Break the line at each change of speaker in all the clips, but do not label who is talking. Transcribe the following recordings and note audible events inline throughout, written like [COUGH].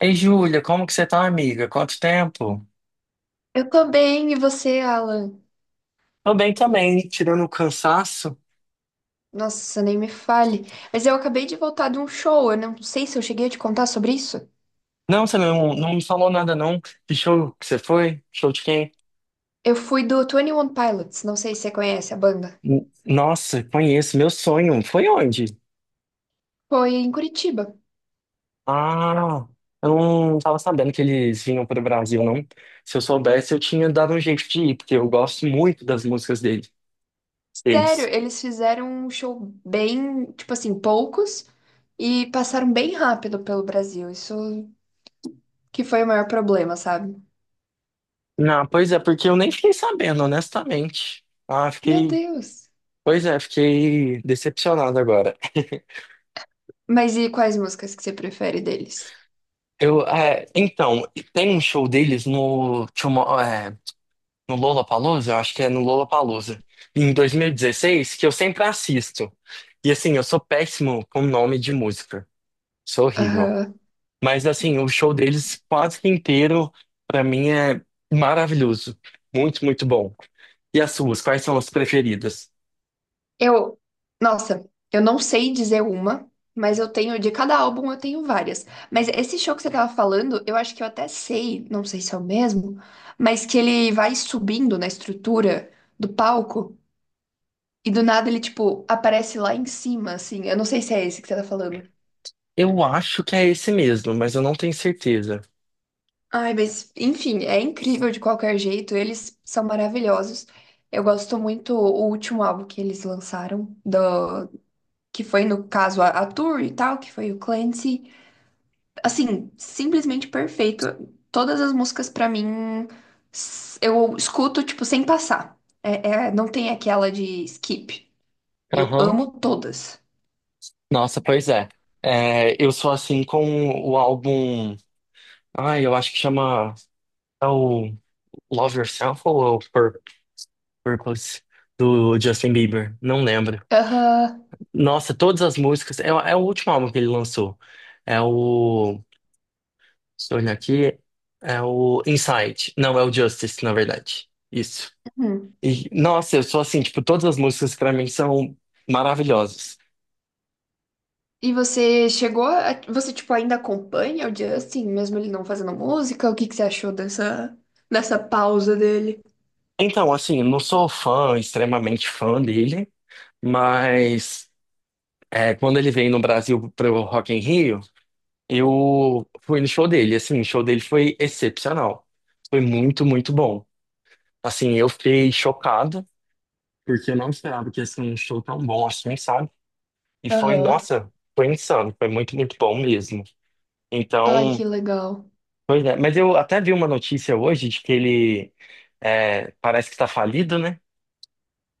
Ei, Júlia, como que você tá, amiga? Quanto tempo?
Eu tô bem, e você, Alan?
Tô bem também, tirando o cansaço.
Nossa, nem me fale. Mas eu acabei de voltar de um show, eu não sei se eu cheguei a te contar sobre isso.
Não, você não me falou nada, não. Que show que você foi? Show de quem?
Eu fui do Twenty One Pilots, não sei se você conhece a banda.
Nossa, conheço, meu sonho. Foi onde?
Foi em Curitiba.
Ah, eu não tava sabendo que eles vinham pro Brasil, não. Se eu soubesse, eu tinha dado um jeito de ir, porque eu gosto muito das músicas dele,
Sério,
deles.
eles fizeram um show bem, tipo assim, poucos e passaram bem rápido pelo Brasil. Isso que foi o maior problema, sabe?
Não, pois é, porque eu nem fiquei sabendo, honestamente. Ah,
Meu
fiquei.
Deus.
Pois é, fiquei decepcionado agora. [LAUGHS]
Mas e quais músicas que você prefere deles?
Então, tem um show deles no Lollapalooza, eu acho que é no Lollapalooza, em 2016 que eu sempre assisto. E assim, eu sou péssimo com nome de música, sou horrível. Mas assim, o show deles quase que inteiro, pra mim, é maravilhoso. Muito, muito bom. E as suas, quais são as preferidas?
Eu, Nossa, eu não sei dizer uma, mas eu tenho, de cada álbum eu tenho várias. Mas esse show que você tava falando, eu acho que eu até sei, não sei se é o mesmo, mas que ele vai subindo na estrutura do palco e do nada ele, tipo, aparece lá em cima, assim. Eu não sei se é esse que você tá falando.
Eu acho que é esse mesmo, mas eu não tenho certeza.
Ai, mas, enfim, é incrível de qualquer jeito, eles são maravilhosos. Eu gosto muito o último álbum que eles lançaram, que foi, no caso, a Tour e tal, que foi o Clancy. Assim, simplesmente perfeito. Todas as músicas pra mim eu escuto tipo sem passar. Não tem aquela de skip. Eu
Aham.
amo todas.
Nossa, pois é. É, eu sou assim com o álbum. Ah, eu acho que chama é o Love Yourself ou é o Purpose do Justin Bieber. Não lembro.
Aham.
Nossa, todas as músicas. É, é o último álbum que ele lançou. É o. Se eu olhar aqui, é o Inside. Não, é o Justice, na verdade. Isso.
Uhum.
E, nossa, eu sou assim, tipo, todas as músicas pra mim são maravilhosas.
E você você tipo ainda acompanha o Justin, mesmo ele não fazendo música? O que que você achou dessa pausa dele?
Então, assim, não sou fã, extremamente fã dele, mas é, quando ele veio no Brasil pro Rock in Rio. Eu fui no show dele, assim, o show dele foi excepcional. Foi muito, muito bom. Assim, eu fiquei chocado, porque eu não esperava que ia ser um show tão bom assim, sabe? E foi,
Aham.
nossa, foi insano, foi muito, muito bom mesmo.
Ai,
Então,
que legal.
pois é. Mas eu até vi uma notícia hoje de que ele é, parece que tá falido, né?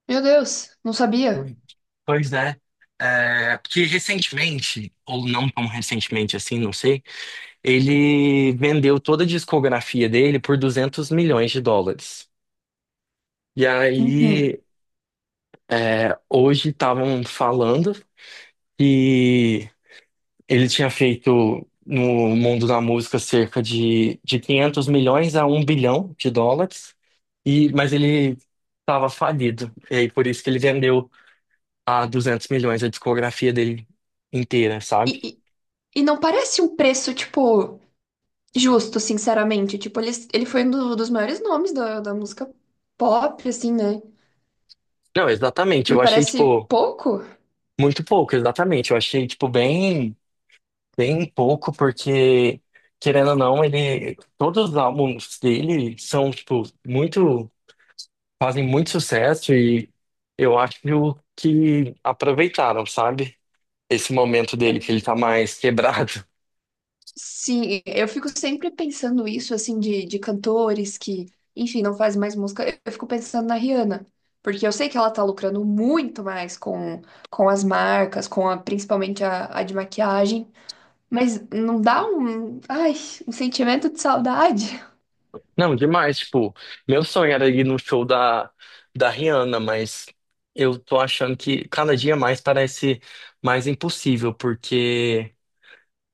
Meu Deus, não sabia.
Oi. Pois é, é, porque recentemente, ou não tão recentemente assim, não sei, ele vendeu toda a discografia dele por US$ 200 milhões. E
Uhum.
aí, hoje estavam falando que ele tinha feito no mundo da música cerca de 500 milhões a US$ 1 bilhão, e, mas ele estava falido. E aí, por isso que ele vendeu a 200 milhões a discografia dele inteira,
E,
sabe?
e, e não parece um preço, tipo, justo, sinceramente. Tipo, ele foi um dos maiores nomes da música pop, assim, né?
Não, exatamente.
Me
Eu achei,
parece
tipo,
pouco.
muito pouco, exatamente. Eu achei, tipo, bem, bem pouco, porque, querendo ou não, ele, todos os álbuns dele são, tipo, muito. Fazem muito sucesso e eu acho que aproveitaram, sabe? Esse momento dele, que
Eu-
ele tá mais [LAUGHS] quebrado.
sim, eu fico sempre pensando isso, assim, de cantores que, enfim, não fazem mais música. Eu fico pensando na Rihanna, porque eu sei que ela tá lucrando muito mais com as marcas, com principalmente a de maquiagem, mas não dá ai, um sentimento de saudade?
Não, demais, tipo, meu sonho era ir no show da Rihanna, mas eu tô achando que cada dia mais parece mais impossível, porque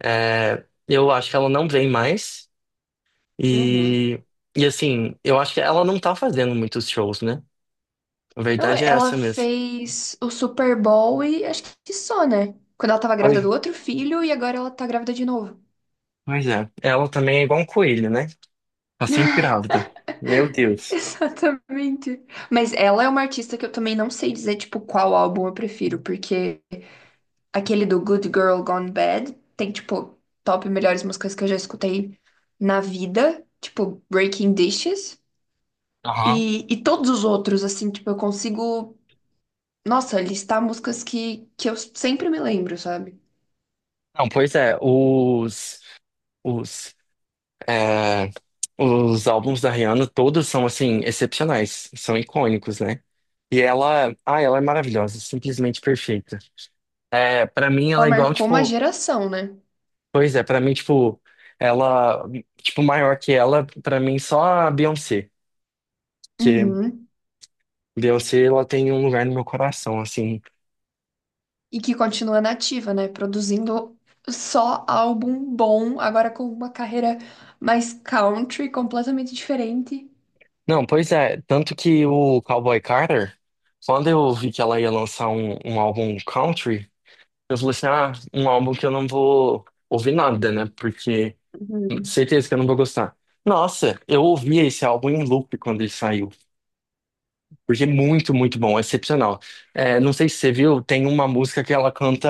é, eu acho que ela não vem mais
Uhum.
e, e assim, eu acho que ela não tá fazendo muitos shows, né? A
Não,
verdade é
ela
essa mesmo.
fez o Super Bowl e acho que só, né? Quando ela tava grávida
Pois,
do outro filho e agora ela tá grávida de novo.
pois é. Ela também é igual um coelho, né? Tá sempre grávida. Meu
[LAUGHS]
Deus.
Exatamente. Mas ela é uma artista que eu também não sei dizer, tipo, qual álbum eu prefiro, porque aquele do Good Girl Gone Bad tem, tipo, top melhores músicas que eu já escutei na vida, tipo, Breaking Dishes.
Aham.
E todos os outros, assim, tipo, eu consigo, nossa, listar músicas que eu sempre me lembro, sabe?
Não, pois é, os, é, os álbuns da Rihanna todos são, assim, excepcionais, são icônicos, né? E ela, ah, ela é maravilhosa, simplesmente perfeita. É, para mim
Ela
ela é igual,
marcou uma
tipo,
geração, né?
pois é, pra mim, tipo, ela, tipo, maior que ela, pra mim só a Beyoncé, que
Uhum.
Beyoncé, ela tem um lugar no meu coração, assim,
E que continua nativa, né? Produzindo só álbum bom, agora com uma carreira mais country, completamente diferente.
Não, pois é. Tanto que o Cowboy Carter, quando eu vi que ela ia lançar um álbum country, eu falei assim: ah, um álbum que eu não vou ouvir nada, né? Porque
Uhum.
certeza que eu não vou gostar. Nossa, eu ouvi esse álbum em loop quando ele saiu. Porque é muito, muito bom, é excepcional. É, não sei se você viu, tem uma música que ela canta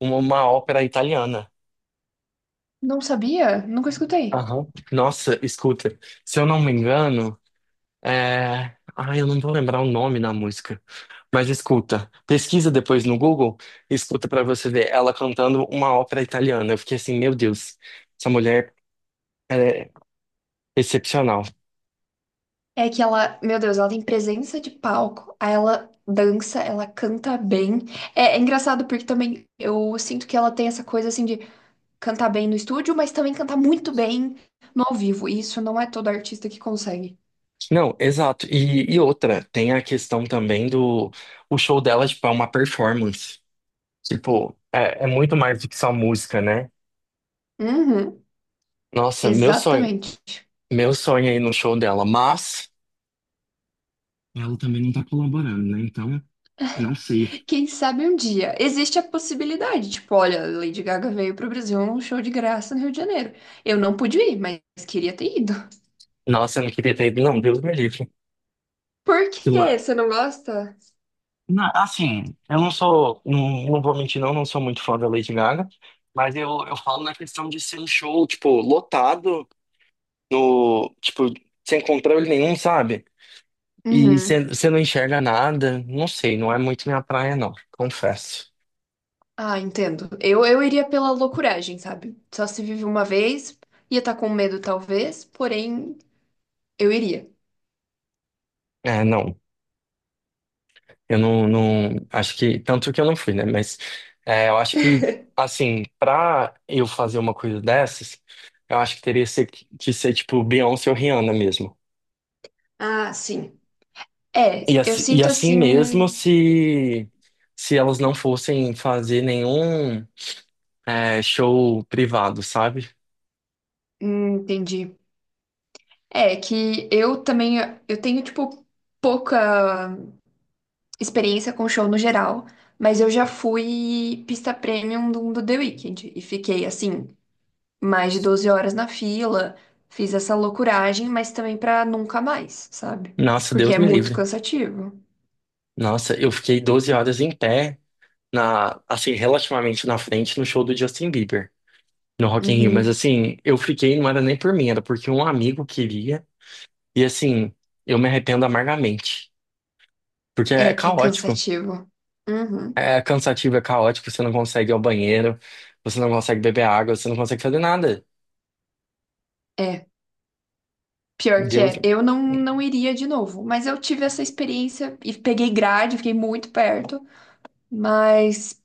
uma ópera italiana.
Não sabia? Nunca escutei.
Aham. Nossa, escuta, se eu não me engano. É... Ah, eu não vou lembrar o nome da música. Mas escuta, pesquisa depois no Google, escuta pra você ver ela cantando uma ópera italiana. Eu fiquei assim, meu Deus, essa mulher é excepcional.
É que ela, meu Deus, ela tem presença de palco, aí ela dança, ela canta bem. É engraçado porque também eu sinto que ela tem essa coisa assim de cantar bem no estúdio, mas também cantar muito bem no ao vivo. E isso não é todo artista que consegue.
Não, exato. E outra, tem a questão também do o show dela, tipo, é uma performance. Tipo, é muito mais do que só música, né?
Uhum,
Nossa,
exatamente.
meu sonho aí no show dela, mas ela também não tá colaborando, né? Então, não sei.
Quem sabe um dia. Existe a possibilidade, tipo, olha, Lady Gaga veio pro Brasil num show de graça no Rio de Janeiro. Eu não pude ir, mas queria ter ido. [LAUGHS]
Nossa, eu não queria ter ido, não, Deus me livre.
Por
Sei lá.
quê? Você não gosta?
Assim, eu não sou, não, não vou mentir, não, não sou muito fã da Lady Gaga, mas eu falo na questão de ser um show, tipo, lotado, no, tipo, sem controle nenhum, sabe? E
Uhum.
você não enxerga nada, não sei, não é muito minha praia, não, confesso.
Ah, entendo. Eu iria pela loucuragem, sabe? Só se vive uma vez, ia estar com medo talvez, porém, eu iria.
É, não. Eu não acho que tanto que eu não fui, né? Mas é, eu acho que
[LAUGHS]
assim, pra eu fazer uma coisa dessas, eu acho que que ser tipo Beyoncé ou Rihanna mesmo.
Ah, sim. É, eu
E
sinto
assim mesmo,
assim.
se elas não fossem fazer nenhum é, show privado, sabe?
Entendi. É que eu também eu tenho, tipo, pouca experiência com show no geral, mas eu já fui pista premium do The Weeknd e fiquei assim, mais de 12 horas na fila, fiz essa loucuragem, mas também pra nunca mais, sabe?
Nossa,
Porque
Deus
é
me
muito
livre.
cansativo.
Nossa, eu fiquei 12 horas em pé na assim relativamente na frente no show do Justin Bieber. No Rock in Rio, mas
Uhum.
assim, eu fiquei, não era nem por mim, era porque um amigo queria, e assim, eu me arrependo amargamente, porque
É
é
que é
caótico,
cansativo. Uhum.
é cansativo, é caótico, você não consegue ir ao banheiro, você não consegue beber água, você não consegue fazer nada.
É. Pior que
Deus.
é, eu não iria de novo, mas eu tive essa experiência e peguei grade, fiquei muito perto, mas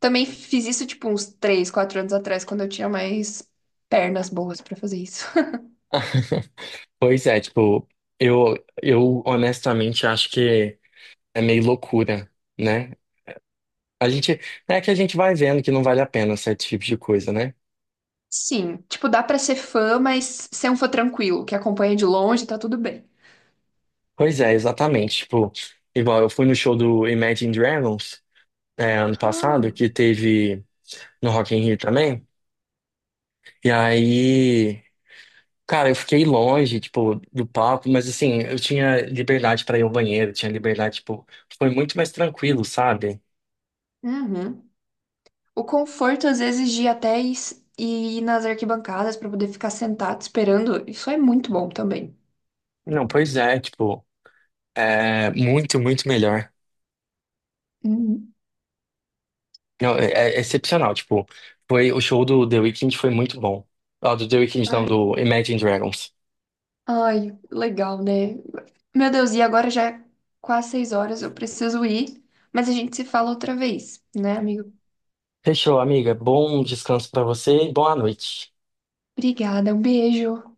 também fiz isso, tipo, uns 3, 4 anos atrás, quando eu tinha mais pernas boas pra fazer isso. [LAUGHS]
[LAUGHS] Pois é, tipo, eu, eu honestamente acho que é meio loucura, né? A gente, é que a gente vai vendo que não vale a pena certo tipo de coisa, né?
Sim, tipo, dá pra ser fã, mas ser um fã tranquilo, que acompanha de longe, tá tudo bem.
Pois é, exatamente. Tipo, igual eu fui no show do Imagine Dragons, é, ano passado,
Ah,
que teve no Rock in Rio também. E aí, cara, eu fiquei longe, tipo, do palco, mas assim, eu tinha liberdade pra ir ao banheiro, tinha liberdade, tipo, foi muito mais tranquilo, sabe?
uhum. O conforto, às vezes, de ir até e e ir nas arquibancadas pra poder ficar sentado esperando, isso é muito bom também.
Não, pois é, tipo, é muito, muito melhor.
Uhum.
Não, é, é excepcional, tipo, foi o show do The Weeknd foi muito bom. Ah, do The Weeknd, não,
Ai,
do Imagine Dragons.
ai, legal, né? Meu Deus, e agora já é quase 6 horas, eu preciso ir, mas a gente se fala outra vez, né, amigo?
Fechou, amiga. Bom descanso para você e boa noite.
Obrigada, um beijo.